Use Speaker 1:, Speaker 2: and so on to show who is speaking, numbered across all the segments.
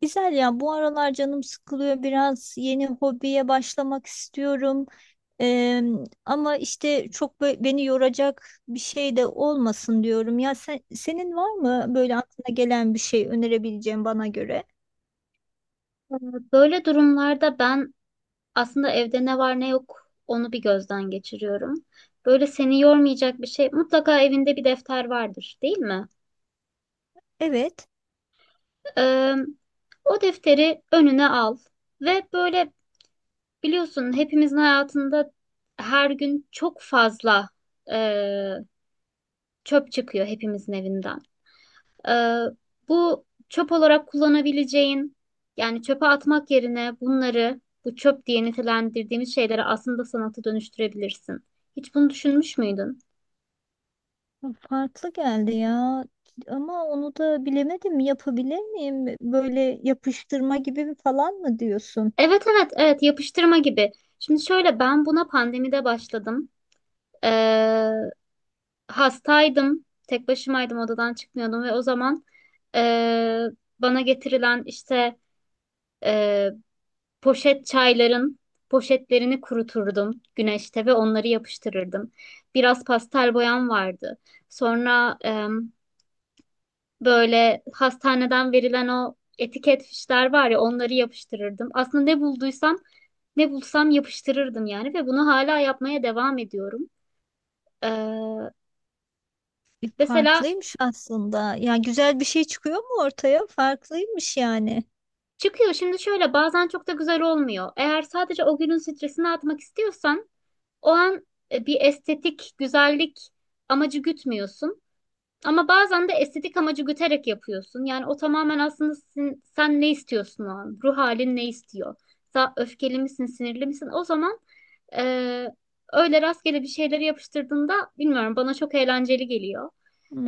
Speaker 1: Güzel ya, bu aralar canım sıkılıyor, biraz yeni hobiye başlamak istiyorum. Eee, Ama işte çok beni yoracak bir şey de olmasın diyorum ya, senin var
Speaker 2: Ee,
Speaker 1: mı böyle aklına gelen bir şey önerebileceğin bana göre?
Speaker 2: Böyle durumlarda ben aslında evde ne var ne yok onu bir gözden geçiriyorum. Böyle seni yormayacak bir şey mutlaka evinde bir defter vardır, değil mi?
Speaker 1: Evet,
Speaker 2: Ee, O defteri önüne al ve böyle biliyorsun hepimizin hayatında her gün çok fazla e, çöp çıkıyor hepimizin evinden. Ee, Bu çöp olarak kullanabileceğin yani çöpe atmak yerine bunları, bu çöp diye nitelendirdiğimiz şeyleri, aslında sanata dönüştürebilirsin. Hiç bunu düşünmüş müydün?
Speaker 1: farklı geldi ya, ama onu da bilemedim, yapabilir miyim böyle yapıştırma gibi bir falan mı diyorsun?
Speaker 2: Evet, evet, evet, yapıştırma gibi. Şimdi şöyle, ben buna pandemide başladım. Ee, Hastaydım. Tek başımaydım, odadan çıkmıyordum ve o zaman ee, bana getirilen işte ee, poşet çayların poşetlerini kuruturdum güneşte ve onları yapıştırırdım. Biraz pastel boyam vardı. Sonra böyle hastaneden verilen o etiket fişler var ya, onları yapıştırırdım. Aslında ne bulduysam, ne bulsam yapıştırırdım yani, ve bunu hala yapmaya devam ediyorum. Ee, mesela
Speaker 1: Farklıymış aslında ya, güzel bir şey çıkıyor mu ortaya, farklıymış yani.
Speaker 2: çıkıyor. Şimdi şöyle, bazen çok da güzel olmuyor. Eğer sadece o günün stresini atmak istiyorsan, o an bir estetik güzellik amacı gütmüyorsun. Ama bazen de estetik amacı güterek yapıyorsun. Yani o tamamen aslında, sen ne istiyorsun o an? Ruh halin ne istiyor? Sen öfkeli misin, sinirli misin? O zaman eee, öyle rastgele bir şeyleri yapıştırdığında, bilmiyorum, bana çok eğlenceli geliyor.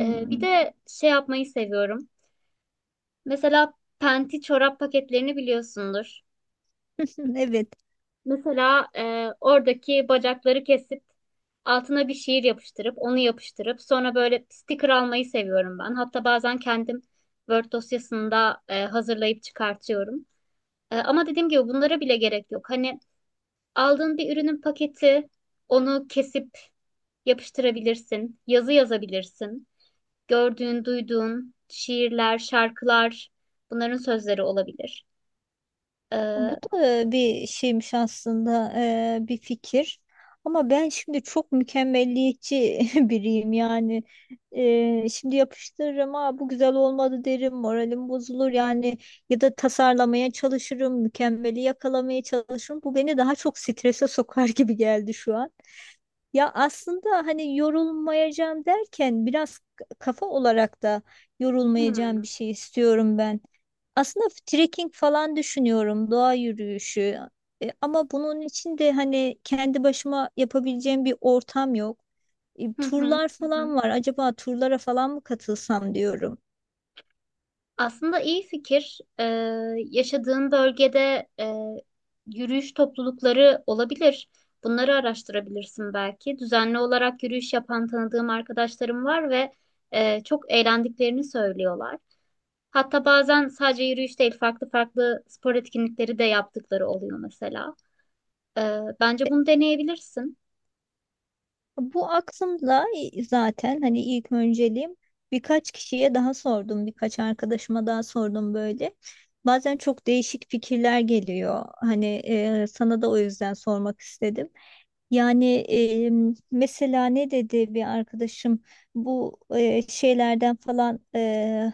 Speaker 2: Bir de şey yapmayı seviyorum. Mesela penti çorap paketlerini biliyorsundur.
Speaker 1: Evet,
Speaker 2: Mesela oradaki bacakları kesip altına bir şiir yapıştırıp, onu yapıştırıp sonra böyle sticker almayı seviyorum ben. Hatta bazen kendim Word dosyasında hazırlayıp çıkartıyorum. Ama dediğim gibi bunlara bile gerek yok. Hani aldığın bir ürünün paketi, onu kesip yapıştırabilirsin, yazı yazabilirsin. Gördüğün, duyduğun şiirler, şarkılar, bunların sözleri olabilir.
Speaker 1: bu
Speaker 2: E,
Speaker 1: da bir şeymiş aslında, bir fikir. Ama ben şimdi çok mükemmelliyetçi biriyim yani. Şimdi yapıştırırım, aa, bu güzel olmadı derim, moralim bozulur yani. Ya da tasarlamaya çalışırım, mükemmeli yakalamaya çalışırım. Bu beni daha çok strese sokar gibi geldi şu an. Ya aslında hani yorulmayacağım derken biraz kafa olarak da yorulmayacağım bir
Speaker 2: hmm.
Speaker 1: şey istiyorum ben. Aslında trekking falan düşünüyorum, doğa yürüyüşü. Ama bunun için de hani kendi başıma yapabileceğim bir ortam yok.
Speaker 2: Hı hı,
Speaker 1: Turlar
Speaker 2: hı hı.
Speaker 1: falan var. Acaba turlara falan mı katılsam diyorum.
Speaker 2: Aslında iyi fikir. Yaşadığın bölgede yürüyüş toplulukları olabilir. Bunları araştırabilirsin belki. Düzenli olarak yürüyüş yapan tanıdığım arkadaşlarım var ve çok eğlendiklerini söylüyorlar. Hatta bazen sadece yürüyüş değil, farklı farklı spor etkinlikleri de yaptıkları oluyor mesela. Bence bunu deneyebilirsin.
Speaker 1: Bu aklımda zaten, hani ilk önceliğim, birkaç kişiye daha sordum, birkaç arkadaşıma daha sordum böyle. Bazen çok değişik fikirler geliyor. Hani sana da o yüzden sormak istedim. Yani mesela ne dedi bir arkadaşım, bu şeylerden falan,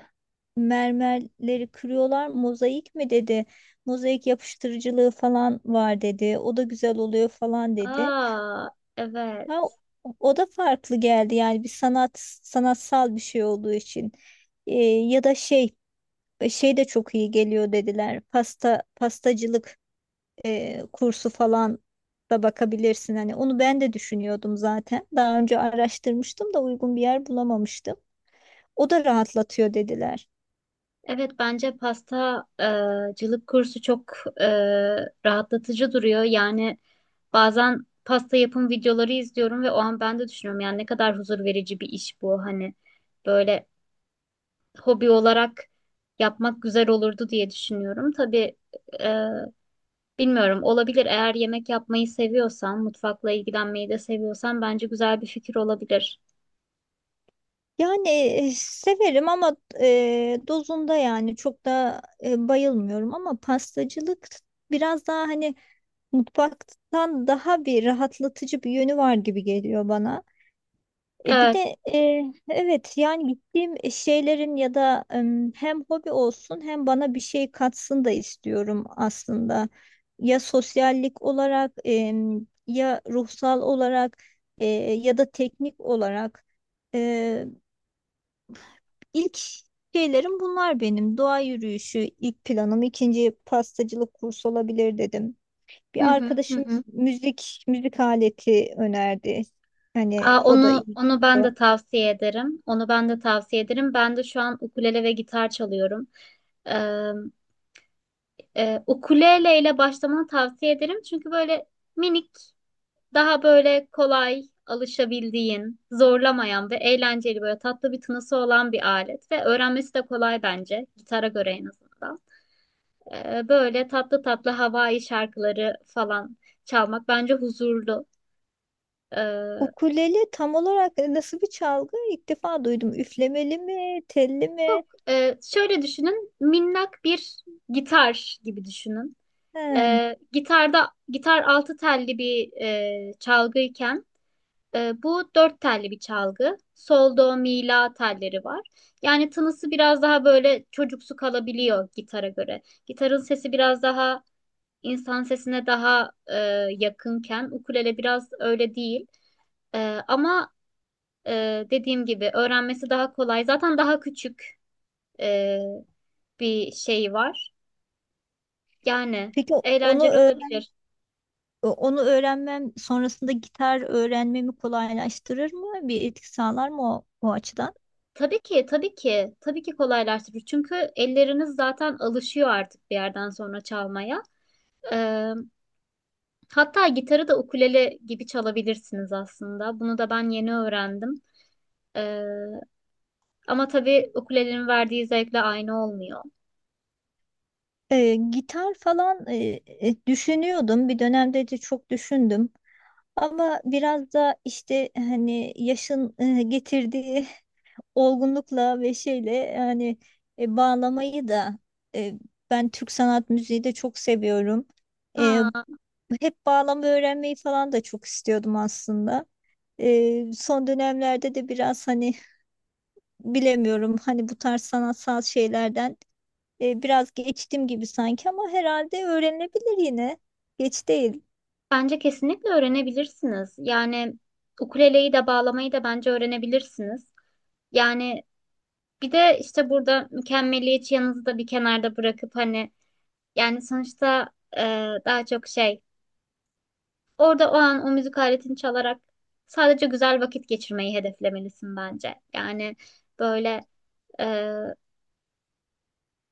Speaker 1: mermerleri kırıyorlar, mozaik mi dedi. Mozaik yapıştırıcılığı falan var dedi. O da güzel oluyor falan dedi.
Speaker 2: Aa,
Speaker 1: Ha,
Speaker 2: evet.
Speaker 1: o da farklı geldi yani, bir sanatsal bir şey olduğu için. Ya da şey, şey de çok iyi geliyor dediler, pastacılık kursu falan da bakabilirsin, hani onu ben de düşünüyordum zaten, daha önce araştırmıştım da uygun bir yer bulamamıştım. O da rahatlatıyor dediler.
Speaker 2: Evet, bence pasta cılık kursu çok e, rahatlatıcı duruyor. Yani bazen pasta yapım videoları izliyorum ve o an ben de düşünüyorum yani ne kadar huzur verici bir iş bu. Hani böyle hobi olarak yapmak güzel olurdu diye düşünüyorum. Tabii e, bilmiyorum, olabilir. Eğer yemek yapmayı seviyorsan, mutfakla ilgilenmeyi de seviyorsan, bence güzel bir fikir olabilir.
Speaker 1: Yani severim, ama dozunda yani, çok da bayılmıyorum, ama pastacılık biraz daha hani mutfaktan daha bir rahatlatıcı bir yönü var gibi geliyor bana. E bir
Speaker 2: Evet.
Speaker 1: de evet, yani gittiğim şeylerin ya da em, hem hobi olsun hem bana bir şey katsın da istiyorum aslında. Ya sosyallik olarak em, ya ruhsal olarak, e, ya da teknik olarak. E, ilk şeylerim bunlar benim. Doğa yürüyüşü ilk planım, ikinci pastacılık kursu olabilir dedim.
Speaker 2: Hı
Speaker 1: Bir
Speaker 2: hı, hı
Speaker 1: arkadaşım
Speaker 2: hı.
Speaker 1: müzik aleti önerdi. Hani
Speaker 2: Aa,
Speaker 1: o da
Speaker 2: onu
Speaker 1: iyi.
Speaker 2: onu ben de tavsiye ederim. Onu ben de tavsiye ederim. Ben de şu an ukulele ve gitar çalıyorum. Ee, Ukulele ile başlamanı tavsiye ederim. Çünkü böyle minik, daha böyle kolay alışabildiğin, zorlamayan ve eğlenceli, böyle tatlı bir tınısı olan bir alet ve öğrenmesi de kolay bence gitara göre en azından. Böyle tatlı tatlı havai şarkıları falan çalmak bence huzurlu. Ee,
Speaker 1: Ukulele tam olarak nasıl bir çalgı? İlk defa duydum. Üflemeli mi, telli mi?
Speaker 2: Yok, şöyle düşünün, minnak bir gitar gibi düşünün.
Speaker 1: He.
Speaker 2: Gitarda, gitar altı telli bir çalgıyken, bu dört telli bir çalgı. Sol, do, mi, la telleri var. Yani tınısı biraz daha böyle çocuksu kalabiliyor gitara göre. Gitarın sesi biraz daha insan sesine daha yakınken, ukulele biraz öyle değil. E, ama dediğim gibi öğrenmesi daha kolay. Zaten daha küçük e, bir şey var. Yani
Speaker 1: Peki onu
Speaker 2: eğlenceli
Speaker 1: öğren-
Speaker 2: olabilir.
Speaker 1: onu öğrenmem sonrasında gitar öğrenmemi kolaylaştırır mı? Bir etki sağlar mı o açıdan?
Speaker 2: Tabii ki, tabii ki, tabii ki kolaylaştırır. Çünkü elleriniz zaten alışıyor artık bir yerden sonra çalmaya. Ee, Hatta gitarı da ukulele gibi çalabilirsiniz aslında. Bunu da ben yeni öğrendim. Ee, Ama tabii ukulelenin verdiği zevkle aynı olmuyor.
Speaker 1: Gitar falan, düşünüyordum. Bir dönemde de çok düşündüm. Ama biraz da işte hani yaşın getirdiği olgunlukla ve şeyle yani, bağlamayı da, e, ben Türk sanat müziği de çok seviyorum. E,
Speaker 2: Ha,
Speaker 1: Hep bağlama öğrenmeyi falan da çok istiyordum aslında. Son dönemlerde de biraz hani bilemiyorum, hani bu tarz sanatsal şeylerden biraz geçtim gibi sanki, ama herhalde öğrenilebilir yine. Geç değil.
Speaker 2: bence kesinlikle öğrenebilirsiniz. Yani ukuleleyi de bağlamayı da bence öğrenebilirsiniz. Yani bir de işte burada mükemmeliyetçi yanınızı da bir kenarda bırakıp, hani yani sonuçta, e, daha çok şey orada o an o müzik aletini çalarak sadece güzel vakit geçirmeyi hedeflemelisin bence. Yani böyle, e,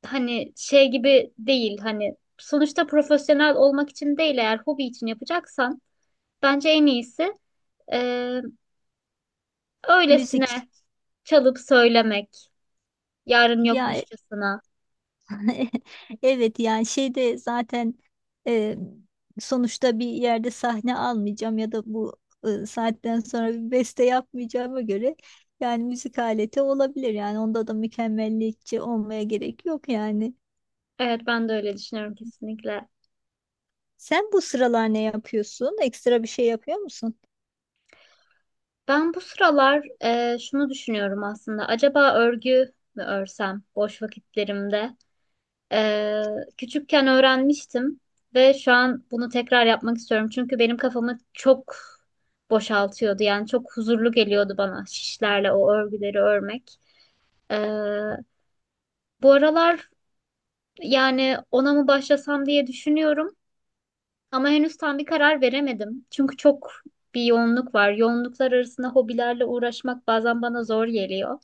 Speaker 2: hani şey gibi değil, hani sonuçta profesyonel olmak için değil, eğer hobi için yapacaksan bence en iyisi e,
Speaker 1: Müzik.
Speaker 2: öylesine çalıp söylemek, yarın
Speaker 1: Ya
Speaker 2: yokmuşçasına.
Speaker 1: evet, yani şeyde zaten e, sonuçta bir yerde sahne almayacağım ya da bu saatten sonra bir beste yapmayacağıma göre, yani müzik aleti olabilir yani, onda da mükemmelliyetçi olmaya gerek yok yani.
Speaker 2: Evet, ben de öyle düşünüyorum kesinlikle.
Speaker 1: Sen bu sıralar ne yapıyorsun? Ekstra bir şey yapıyor musun?
Speaker 2: Ben bu sıralar şunu düşünüyorum aslında, acaba örgü mü örsem boş vakitlerimde? Ee, Küçükken öğrenmiştim ve şu an bunu tekrar yapmak istiyorum. Çünkü benim kafamı çok boşaltıyordu. Yani çok huzurlu geliyordu bana şişlerle o örgüleri örmek. Ee, Bu aralar yani ona mı başlasam diye düşünüyorum. Ama henüz tam bir karar veremedim. Çünkü çok bir yoğunluk var. Yoğunluklar arasında hobilerle uğraşmak bazen bana zor geliyor.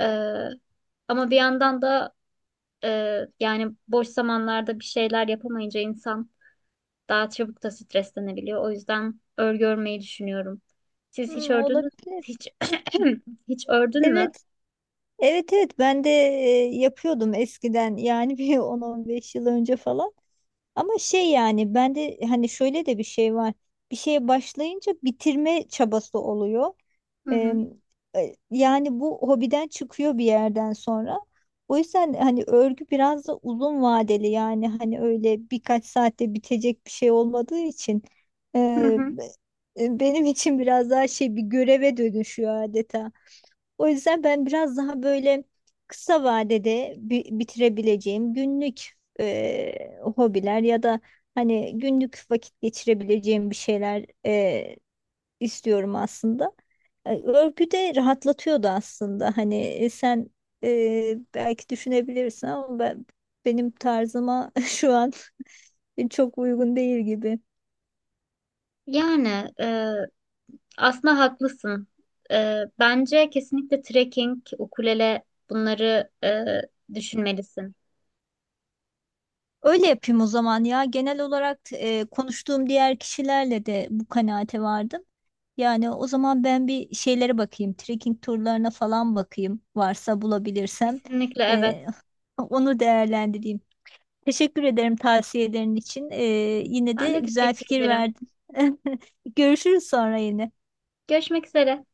Speaker 2: Ee, Ama bir yandan da, yani boş zamanlarda bir şeyler yapamayınca insan daha çabuk da streslenebiliyor. O yüzden örgü örmeyi düşünüyorum. Siz hiç
Speaker 1: Hmm,
Speaker 2: ördünüz
Speaker 1: olabilir.
Speaker 2: hiç hiç ördün mü?
Speaker 1: Evet, evet evet, ben de yapıyordum eskiden yani, bir 10-15 yıl önce falan. Ama şey, yani bende hani şöyle de bir şey var. Bir şeye başlayınca bitirme çabası oluyor.
Speaker 2: Hı
Speaker 1: Ee,
Speaker 2: hı.
Speaker 1: Yani bu hobiden çıkıyor bir yerden sonra. O yüzden hani örgü biraz da uzun vadeli, yani hani öyle birkaç saatte bitecek bir şey olmadığı için,
Speaker 2: Hı
Speaker 1: e,
Speaker 2: hı.
Speaker 1: be- benim için biraz daha şey, bir göreve dönüşüyor adeta. O yüzden ben biraz daha böyle kısa vadede bitirebileceğim günlük hobiler ya da hani günlük vakit geçirebileceğim bir şeyler istiyorum aslında. E, örgü de rahatlatıyordu aslında. Hani sen belki düşünebilirsin, ama benim tarzıma şu an çok uygun değil gibi.
Speaker 2: Yani aslında haklısın. Bence kesinlikle trekking, ukulele, bunları düşünmelisin.
Speaker 1: Öyle yapayım o zaman ya. Genel olarak konuştuğum diğer kişilerle de bu kanaate vardım. Yani o zaman ben bir şeylere bakayım. Trekking turlarına falan bakayım. Varsa bulabilirsem.
Speaker 2: Kesinlikle evet.
Speaker 1: Ee, onu değerlendireyim. Teşekkür ederim tavsiyelerin için. Yine
Speaker 2: Ben
Speaker 1: de
Speaker 2: de
Speaker 1: güzel
Speaker 2: teşekkür
Speaker 1: fikir
Speaker 2: ederim.
Speaker 1: verdin. Görüşürüz sonra yine.
Speaker 2: Görüşmek üzere.